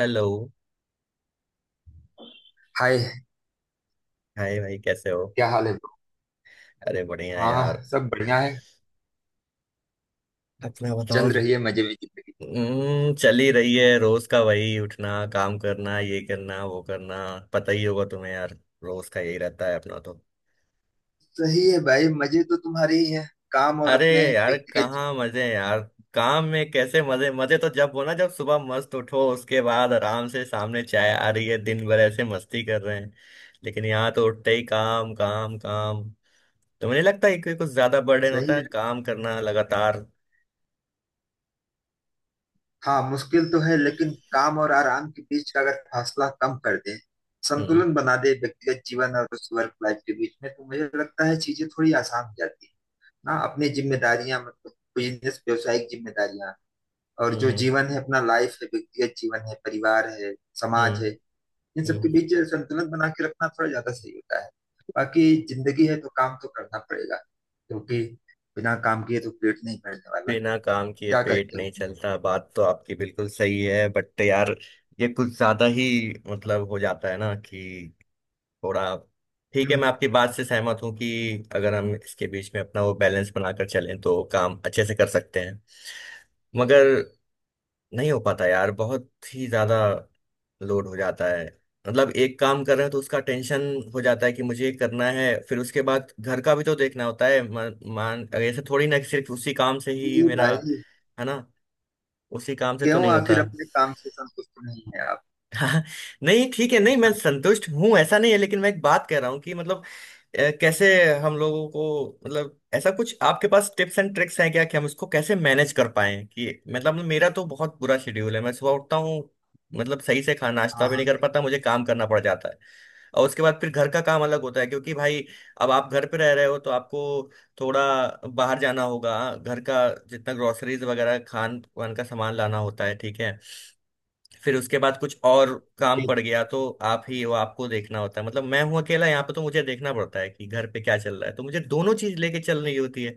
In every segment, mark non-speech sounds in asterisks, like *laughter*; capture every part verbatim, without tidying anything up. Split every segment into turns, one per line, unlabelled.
Hello.
Hi
hi भाई, कैसे हो?
क्या हाल है bro?
अरे बढ़िया है
हाँ
यार।
सब बढ़िया है।
अपना
चल
बताओ।
रही है मजे में जिंदगी।
हम्म, चल ही रही है। रोज का वही, उठना, काम करना, ये करना, वो करना। पता ही होगा तुम्हें यार। रोज का यही रहता है अपना तो।
सही है भाई मजे तो तुम्हारे ही हैं। काम और
अरे
अपने
यार,
व्यक्तिगत जीवन।
कहाँ मजे हैं यार? काम में कैसे मजे? मजे तो जब हो ना, जब सुबह मस्त उठो, उसके बाद आराम से सामने चाय आ रही है, दिन भर ऐसे मस्ती कर रहे हैं। लेकिन यहाँ तो उठते ही काम, काम, काम। तो मुझे लगता है कि कुछ ज्यादा बर्डन
सही
होता है
है।
काम करना लगातार।
हाँ मुश्किल तो है लेकिन काम और आराम के बीच का अगर फासला कम कर दे,
हम्म।
संतुलन बना दे व्यक्तिगत जीवन और उस वर्क लाइफ के बीच में, तो मुझे लगता है चीजें थोड़ी आसान हो जाती है ना। अपनी जिम्मेदारियां मतलब बिजनेस, व्यावसायिक जिम्मेदारियां, और
हम्म।
जो
हम्म।
जीवन है, अपना लाइफ है, व्यक्तिगत जीवन है, परिवार है, समाज
हम्म।
है, इन सबके
हम्म।
बीच संतुलन बना के रखना थोड़ा ज्यादा सही होता है। बाकी जिंदगी है तो काम तो करना पड़ेगा क्योंकि बिना काम किए तो पेट नहीं भरने वाला।
बिना काम किए
क्या
पेट
कहते
नहीं
हो?
चलता। बात तो आपकी बिल्कुल सही है बट यार, ये कुछ ज्यादा ही मतलब हो जाता है ना कि थोड़ा, ठीक है। मैं
हम्म।
आपकी बात से सहमत हूँ कि अगर हम इसके बीच में अपना वो बैलेंस बनाकर चलें तो काम अच्छे से कर सकते हैं। मगर नहीं हो पाता यार, बहुत ही ज्यादा लोड हो जाता है। मतलब एक काम कर रहे हैं तो उसका टेंशन हो जाता है कि मुझे ये करना है, फिर उसके बाद घर का भी तो देखना होता है। मान मान- ऐसे थोड़ी ना कि सिर्फ उसी काम से ही
जी
मेरा।
भाई।
है ना? उसी काम से तो
क्यों,
नहीं होता।
आखिर अपने काम से संतुष्ट नहीं है आप?
*laughs* हाँ। नहीं, ठीक है, नहीं, मैं
हाँ
संतुष्ट हूँ ऐसा नहीं है, लेकिन मैं एक बात कह रहा हूँ कि मतलब अ, कैसे हम लोगों को, मतलब ऐसा कुछ आपके पास टिप्स एंड ट्रिक्स हैं क्या कि हम इसको कैसे मैनेज कर पाए? कि मतलब मेरा तो बहुत बुरा शेड्यूल है। मैं सुबह उठता हूँ, मतलब सही से खाना नाश्ता
हाँ
भी
हाँ।
नहीं कर पाता, मुझे काम करना पड़ जाता है। और उसके बाद फिर घर का काम अलग होता है क्योंकि भाई, अब आप घर पे रह रहे हो तो आपको थोड़ा बाहर जाना होगा। घर का जितना ग्रोसरीज वगैरह, खान वान का सामान लाना होता है, ठीक है। फिर उसके बाद कुछ और काम
ठीक
पड़
है।
गया तो आप ही वो, आपको देखना होता है। मतलब मैं हूँ अकेला यहाँ पे, तो मुझे देखना पड़ता है कि घर पे क्या चल रहा है, तो मुझे दोनों चीज लेके चलनी होती है।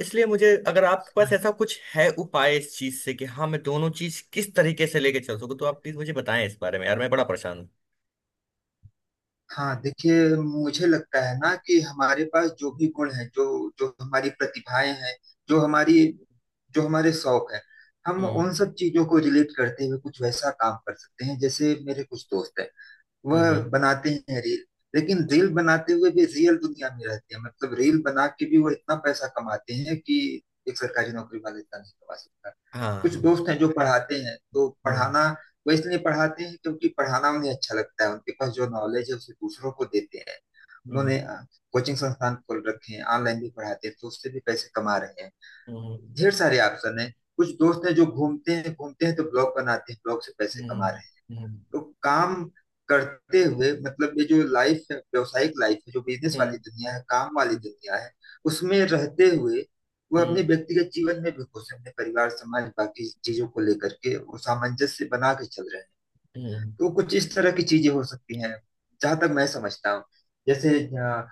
इसलिए मुझे अगर आपके पास
हम्म।
ऐसा कुछ है उपाय इस चीज से कि हाँ मैं दोनों चीज किस तरीके से लेके चल सकूँ, तो आप प्लीज मुझे बताएं इस बारे में यार, मैं बड़ा परेशान हूँ।
हाँ देखिए, मुझे लगता है ना कि हमारे पास जो भी गुण है, जो जो हमारी प्रतिभाएं हैं, जो हमारी जो हमारे शौक है, हम
हम्म।
उन सब चीजों को रिलेट करते हुए कुछ वैसा काम कर सकते हैं। जैसे मेरे कुछ दोस्त हैं,
हम्म।
वह
हम्म।
बनाते हैं रील। लेकिन रील बनाते हुए भी रियल दुनिया में रहते हैं। मतलब रील बना के भी वो इतना पैसा कमाते हैं कि एक सरकारी नौकरी वाला इतना नहीं कमा सकता। कुछ
हाँ।
दोस्त हैं जो पढ़ाते हैं तो
हम्म।
पढ़ाना, वो इसलिए पढ़ाते हैं क्योंकि पढ़ाना उन्हें अच्छा लगता है। उनके पास जो नॉलेज है उसे दूसरों को देते हैं।
हम्म।
उन्होंने कोचिंग संस्थान खोल रखे हैं, ऑनलाइन भी पढ़ाते हैं, तो उससे भी पैसे कमा रहे हैं।
हम्म।
ढेर सारे ऑप्शन है। कुछ दोस्त हैं जो घूमते हैं, घूमते हैं तो ब्लॉग बनाते हैं, ब्लॉग से पैसे कमा
हम्म।
रहे हैं।
हम्म।
तो काम करते हुए मतलब ये जो लाइफ है, व्यावसायिक लाइफ है, जो बिजनेस
हम्म। हम्म।
वाली दुनिया है, काम वाली दुनिया है, उसमें रहते हुए वह अपने
हम्म।
व्यक्तिगत जीवन में भी खुश है। अपने परिवार, समाज, बाकी चीजों को लेकर के वो सामंजस्य बना के चल रहे हैं।
हम्म।
तो कुछ इस तरह की चीजें हो सकती हैं, जहां तक मैं समझता हूँ। जैसे अ,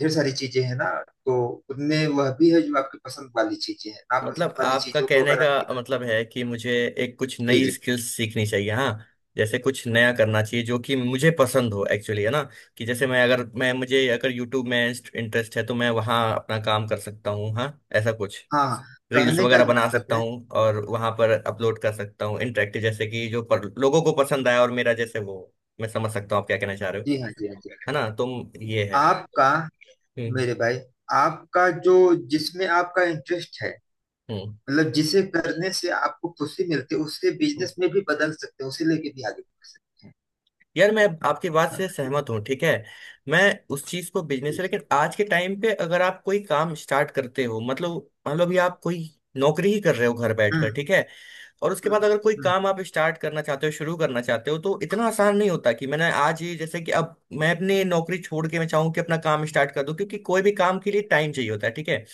ढेर सारी चीजें हैं ना, तो उनमें वह भी है जो आपकी पसंद वाली चीजें हैं। नापसंद
मतलब
वाली
आपका
चीजों को
कहने
अगर
का
आप,
मतलब है कि मुझे एक कुछ
जी
नई
जी जी।
स्किल्स सीखनी चाहिए? हाँ, जैसे कुछ नया करना चाहिए जो कि मुझे पसंद हो एक्चुअली, है ना? कि जैसे, मैं अगर मैं मुझे अगर यूट्यूब में इंटरेस्ट है तो मैं वहाँ अपना काम कर सकता हूँ। हाँ, ऐसा कुछ
हाँ हाँ,
रील्स
कहने का
वगैरह बना
मतलब
सकता
है,
हूँ और वहाँ पर अपलोड कर सकता हूँ इंटरेक्टिव, जैसे कि जो पर, लोगों को पसंद आया और मेरा जैसे वो, मैं समझ सकता हूँ आप क्या कहना चाह रहे हो।
जी हाँ जी हाँ जी।
है ना? तुम, ये है।
आपका,
हम्म।
मेरे भाई, आपका जो जिसमें आपका इंटरेस्ट है, मतलब जिसे करने से आपको खुशी मिलती है, उससे
हम्म।
बिजनेस में भी बदल सकते हैं, उसे लेके भी आगे बढ़ सकते हैं।
यार मैं आपकी बात
हाँ,
से सहमत हूँ, ठीक है। मैं उस चीज को बिजनेस है, लेकिन आज के टाइम पे अगर आप कोई काम स्टार्ट करते हो, मतलब मान लो अभी आप कोई नौकरी ही कर रहे हो घर बैठकर,
हम्म
ठीक है। और उसके बाद
हम्म,
अगर कोई
हम्म
काम आप स्टार्ट करना चाहते हो, शुरू करना चाहते हो, तो इतना आसान नहीं होता कि मैंने आज ये, जैसे कि अब मैं अपनी नौकरी छोड़ के मैं चाहूँ कि अपना काम स्टार्ट कर दूं, क्योंकि कोई भी काम के लिए टाइम चाहिए होता है, ठीक है।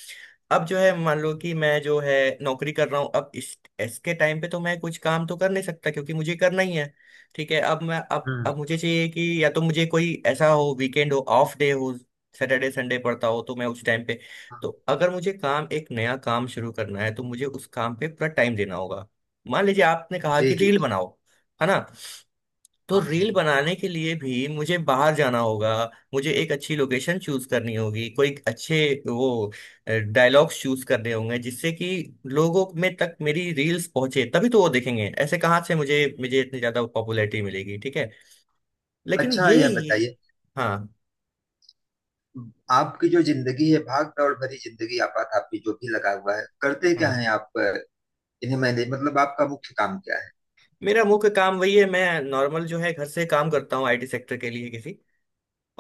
अब जो है, मान लो
हम्म,
कि मैं जो है नौकरी कर रहा हूँ, अब इस इसके टाइम पे तो मैं कुछ काम तो कर नहीं सकता, क्योंकि मुझे करना ही है, ठीक है। अब मैं अब
हम्म,
अब मुझे चाहिए कि या तो मुझे कोई ऐसा हो, वीकेंड हो, ऑफ डे हो, सैटरडे संडे पड़ता हो, तो मैं उस टाइम पे,
हाँ,
तो अगर मुझे काम एक नया काम शुरू करना है तो मुझे उस काम पे पूरा टाइम देना होगा। मान लीजिए आपने कहा
जी
कि
जी
रील
जी।
बनाओ, है ना? तो
हाँ
रील
हाँ।
बनाने के लिए भी मुझे बाहर जाना होगा। मुझे एक अच्छी लोकेशन चूज करनी होगी, कोई अच्छे वो डायलॉग्स चूज करने होंगे जिससे कि लोगों में तक मेरी रील्स पहुंचे, तभी तो वो देखेंगे। ऐसे कहाँ से मुझे मुझे इतनी ज्यादा पॉपुलैरिटी मिलेगी, ठीक है। लेकिन
अच्छा,
ये
यह
ये
बताइए,
हाँ
आपकी जो जिंदगी है, भाग दौड़ भरी जिंदगी, आपात आपकी जो भी लगा हुआ है, करते क्या
हाँ।
है आप? अ, इन्हें मैंने, मतलब आपका मुख्य काम क्या है?
मेरा मुख्य काम वही है, मैं नॉर्मल जो है घर से काम करता हूँ आईटी सेक्टर के लिए किसी।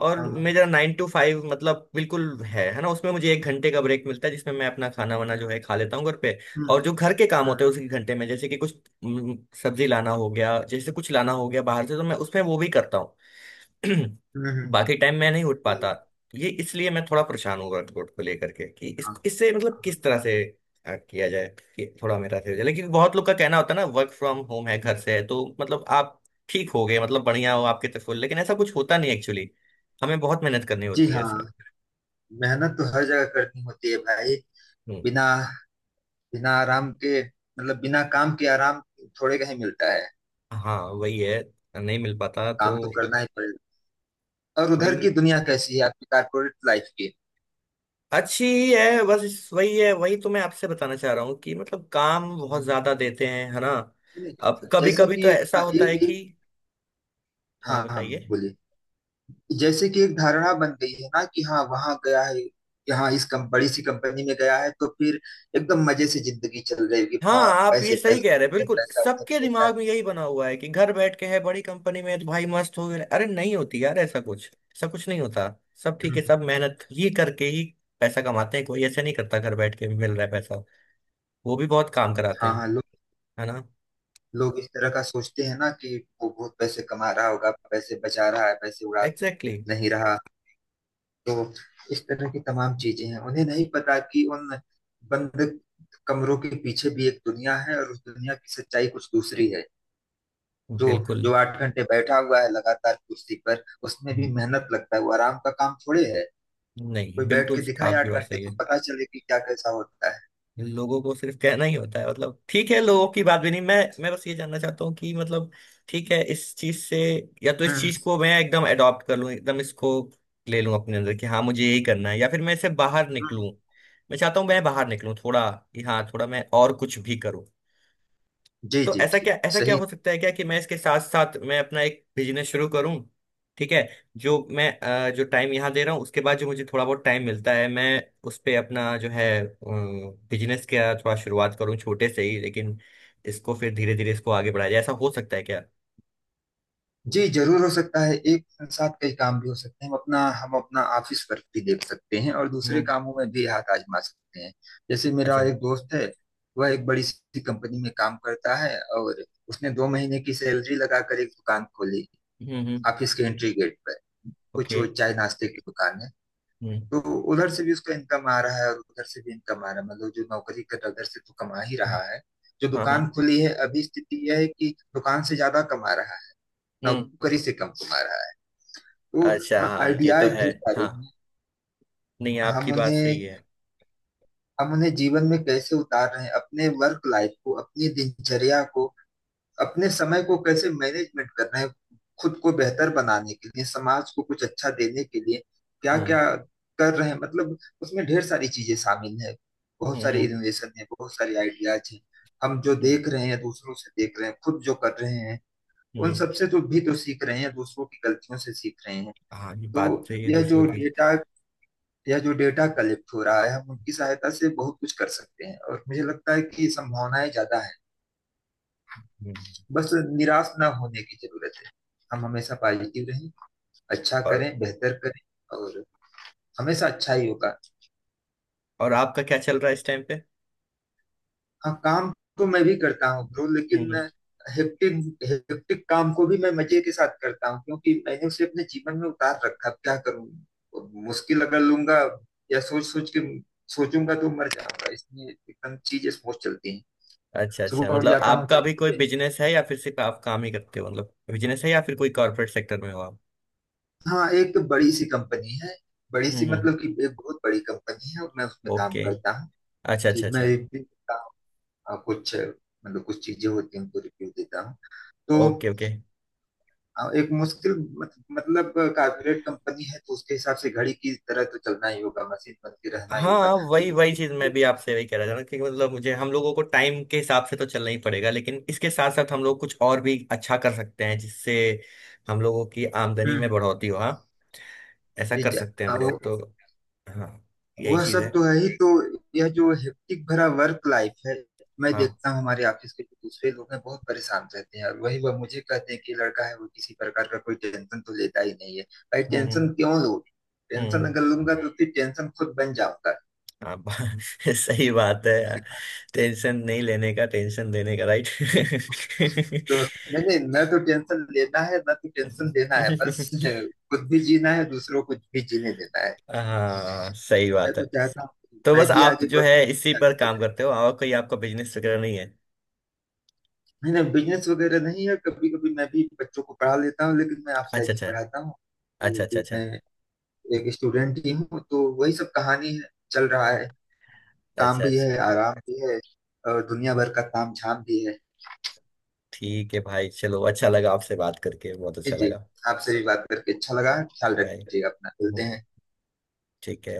और
हाँ हाँ।
मेरा नाइन टू फाइव मतलब बिल्कुल है है ना? उसमें मुझे एक घंटे का ब्रेक मिलता है जिसमें मैं अपना खाना वाना जो है खा लेता हूँ घर पे।
हम्म
और जो घर के काम होते
हम्म।
हैं उसी घंटे में, जैसे कि कुछ, हम्म, सब्जी लाना हो गया, जैसे कुछ लाना हो गया बाहर से, तो मैं उसमें वो भी करता हूँ। *clears throat*
हम्म हम्म,
बाकी टाइम मैं नहीं उठ
हम्म,
पाता। ये, इसलिए मैं थोड़ा परेशान हूँ वर्कआउट को लेकर के कि इस
हाँ
इससे मतलब
हाँ।
किस तरह से अ, किया जाए कि थोड़ा मेरा सही हो जाए। लेकिन बहुत लोग का कहना होता है ना, वर्क फ्रॉम होम है, घर से है, तो मतलब आप ठीक हो गए, मतलब बढ़िया हो आपके तरफ, लेकिन ऐसा कुछ होता नहीं एक्चुअली। हमें बहुत मेहनत करनी
जी
होती है
हाँ।
इसमें।
मेहनत तो हर जगह करनी होती है भाई।
हम्म।
बिना, बिना आराम के, मतलब बिना काम के आराम थोड़े कहीं मिलता है।
हाँ, वही है, नहीं मिल पाता
काम तो
तो।
करना ही पड़ेगा। और उधर की
वही
दुनिया कैसी है आपकी, कारपोरेट लाइफ की?
अच्छी ही है, बस इस- वही है, वही तो मैं आपसे बताना चाह रहा हूँ कि मतलब काम बहुत
हम्म,
ज्यादा देते हैं, है ना?
है
अब
ना?
कभी
जैसे
कभी तो
कि
ऐसा
अ,
होता
ये
है
एक,
कि, हाँ
हाँ हाँ
बताइए।
बोलिए, जैसे कि एक धारणा बन गई है ना कि हाँ वहां गया है, यहाँ इस कम बड़ी सी कंपनी में गया है, तो फिर एकदम मजे से जिंदगी चल रही होगी,
हाँ,
हाँ
आप ये
पैसे
सही
पैसे,
कह रहे हैं,
इधर
बिल्कुल
पैसा उधर
सबके
पैसा।
दिमाग में यही बना हुआ है कि घर बैठ के है, बड़ी कंपनी में है, तो भाई मस्त हो गए। अरे नहीं होती यार, ऐसा कुछ, ऐसा कुछ नहीं होता। सब ठीक है, सब
हम्म।
मेहनत ये करके ही पैसा कमाते हैं। कोई ऐसा नहीं करता, घर बैठ के भी मिल रहा है पैसा। वो भी बहुत काम कराते
हाँ हाँ।
हैं, है ना?
लोग इस तरह का सोचते हैं ना कि वो बहुत पैसे कमा रहा होगा, पैसे बचा रहा है, पैसे उड़ा
एग्जैक्टली।
नहीं रहा। तो इस तरह की तमाम चीजें हैं, उन्हें नहीं पता कि उन बंद कमरों के पीछे भी एक दुनिया है, और उस दुनिया की सच्चाई कुछ दूसरी है।
Exactly.
जो
बिल्कुल।
जो आठ घंटे बैठा हुआ है लगातार कुर्सी पर, उसमें
हम्म,
भी मेहनत लगता है, वो आराम का काम थोड़े है।
नहीं,
कोई बैठ के
बिल्कुल
दिखाए
आपकी
आठ
बात
घंटे
सही
तो
है।
पता चले कि क्या कैसा होता है।
लोगों को सिर्फ कहना ही होता है, मतलब ठीक है, लोगों की बात भी नहीं। मैं मैं बस ये जानना चाहता हूँ कि मतलब, ठीक है, इस चीज से या तो इस
हम्म,
चीज को मैं एकदम अडॉप्ट कर लूँ, एकदम इसको ले लूँ अपने अंदर कि हाँ मुझे यही करना है, या फिर मैं इससे बाहर
हम्म,
निकलूँ। मैं चाहता हूँ मैं बाहर निकलूँ थोड़ा, कि हाँ थोड़ा मैं और कुछ भी करूँ।
जी
तो
जी
ऐसा
जी।
क्या, ऐसा क्या
सही।
हो सकता है क्या कि मैं इसके साथ साथ मैं अपना एक बिजनेस शुरू करूं, ठीक है। जो मैं अ, जो टाइम यहाँ दे रहा हूँ उसके बाद जो मुझे थोड़ा बहुत टाइम मिलता है, मैं उस पे अपना जो है बिजनेस का थोड़ा शुरुआत करूँ, छोटे से ही, लेकिन इसको फिर धीरे धीरे इसको आगे बढ़ाया जाए, ऐसा हो सकता है क्या?
जी जरूर हो सकता है। एक साथ कई काम भी हो सकते हैं। हम अपना हम अपना ऑफिस वर्क भी देख सकते हैं और दूसरे
हम्म।
कामों में भी हाथ आजमा सकते हैं। जैसे
अच्छा।
मेरा एक दोस्त है, वह एक बड़ी सी कंपनी में काम करता है, और उसने दो महीने की सैलरी लगाकर एक दुकान खोली,
हम्म। हम्म।
ऑफिस के एंट्री गेट पर। कुछ
ओके।
वो चाय नाश्ते की दुकान है।
हम्म।
तो उधर से भी उसका इनकम आ रहा है और उधर से भी इनकम आ रहा है। मतलब जो नौकरी कर रहा है, उधर से तो कमा ही रहा है। जो
हाँ
दुकान
हाँ।
खुली है, अभी स्थिति यह है कि दुकान से ज्यादा कमा रहा है,
हम्म।
नौकरी से कम कमा रहा है
अच्छा।
वो।
हाँ, ये तो
आइडियाज
है।
ढेर सारे
हाँ,
हैं।
नहीं, आपकी
हम
बात सही
उन्हें
है।
हम उन्हें जीवन में कैसे उतार रहे हैं, अपने वर्क लाइफ को, अपनी दिनचर्या को, अपने समय को कैसे मैनेजमेंट कर रहे हैं, खुद को बेहतर बनाने के लिए, समाज को कुछ अच्छा देने के लिए क्या क्या
हाँ।
कर रहे हैं, मतलब उसमें ढेर सारी चीजें शामिल है। बहुत
हम्म।
सारे
हम्म।
इनोवेशन है, बहुत सारे आइडियाज हैं। हम जो देख
हम्म।
रहे हैं, दूसरों से देख रहे हैं, खुद जो कर रहे हैं, उन
हम्म।
सबसे तो भी तो सीख रहे हैं, दूसरों की गलतियों से सीख रहे हैं।
हाँ, ये बात
तो
सही है,
यह
दूसरों
जो
की।
डेटा या जो डेटा कलेक्ट हो रहा है, हम उनकी सहायता से बहुत कुछ कर सकते हैं, और मुझे लगता है कि संभावनाएं ज्यादा है।
हम्म।
बस निराश ना होने की जरूरत है। हम हमेशा पॉजिटिव रहें, अच्छा
और
करें, बेहतर करें, और हमेशा अच्छा ही होगा।
और आपका क्या चल रहा है इस टाइम पे?
हाँ काम तो मैं भी करता हूँ ब्रो,
हम्म।
लेकिन
हम्म।
हेक्टिक, हेक्टिक काम को भी मैं मजे के साथ करता हूँ, क्योंकि मैंने उसे अपने जीवन में उतार रखा। अब क्या करूँ, मुश्किल अगर लूंगा या सोच सोच के सोचूंगा तो मर जाऊंगा, इसलिए एकदम चीजें स्मूथ चलती हैं।
अच्छा अच्छा,
सुबह उठ
मतलब
जाता हूँ
आपका
चार
भी कोई
बजे
बिजनेस है या फिर सिर्फ आप काम ही करते हो, मतलब बिजनेस है या फिर कोई कॉर्पोरेट सेक्टर में हो आप?
हाँ एक तो बड़ी सी कंपनी है। बड़ी
हम्म,
सी
हम्म।
मतलब कि एक बहुत बड़ी कंपनी है और मैं उसमें काम
ओके।
करता हूँ।
अच्छा अच्छा
ठीक, मैं
अच्छा।
रिव्यू देता हूँ। अ, कुछ अ, मतलब कुछ चीजें होती हैं, उनको रिव्यू देता हूँ तो।
Okay okay.
अ, एक मुश्किल, मत, मतलब कॉर्पोरेट कंपनी है तो उसके हिसाब से घड़ी की तरह तो चलना ही होगा, मशीन बन के रहना ही होगा।
हाँ, वही
लेकिन,
वही चीज मैं
हम्म
भी आपसे वही कह रहा था ना कि मतलब मुझे, हम लोगों को टाइम के हिसाब से तो चलना ही पड़ेगा, लेकिन इसके साथ साथ हम लोग कुछ और भी अच्छा कर सकते हैं जिससे हम लोगों की आमदनी में
हम्म,
बढ़ोतरी हो। हाँ, ऐसा
जी
कर
जा,
सकते हैं
हाँ
हम
वो,
लोग तो। हाँ, यही
वह
चीज
सब
है।
तो है ही। तो यह जो हेक्टिक भरा वर्क लाइफ है, मैं
हाँ।
देखता हूँ हमारे ऑफिस के जो दूसरे लोग हैं बहुत परेशान रहते हैं, और वही वह मुझे कहते हैं कि लड़का है वो, किसी प्रकार का कोई टेंशन तो लेता ही नहीं है। भाई
हम्म।
टेंशन
हम्म।
क्यों लोगे, टेंशन
हम्म।
अगर लूंगा तो फिर टेंशन खुद बन जाऊंगा।
हाँ बा- *laughs* सही बात है यार। टेंशन नहीं लेने का, टेंशन देने का, राइट।
तो
*laughs*
मैंने न तो टेंशन लेना है, न तो टेंशन देना है, बस *laughs* खुद भी जीना है, दूसरों को भी जीने देना है।
हाँ सही
मैं
बात है।
तो चाहता हूँ
तो
मैं
बस
भी
आप
आगे
जो है इसी
बढ़ूँ, आगे
पर काम
बढ़ूँ।
करते हो और कोई आपका बिजनेस वगैरह नहीं है?
नहीं नहीं, बिजनेस वगैरह नहीं है। कभी कभी मैं भी बच्चों को पढ़ा लेता हूँ, लेकिन मैं
अच्छा
ऑफलाइन ही
अच्छा
पढ़ाता हूँ। तो
अच्छा। अच्छा
अभी
अच्छा
मैं एक स्टूडेंट ही हूँ, तो वही सब कहानी है, चल रहा है। काम
अच्छा
भी
अच्छा।
है, आराम भी है, और दुनिया भर का काम झाम भी है।
ठीक है भाई, चलो अच्छा लगा, आपसे बात करके बहुत
जी
अच्छा
जी।
लगा।
आपसे भी बात करके अच्छा लगा। ख्याल
बाय।
रखिएगा अपना। मिलते
बाय।
हैं।
ठीक है।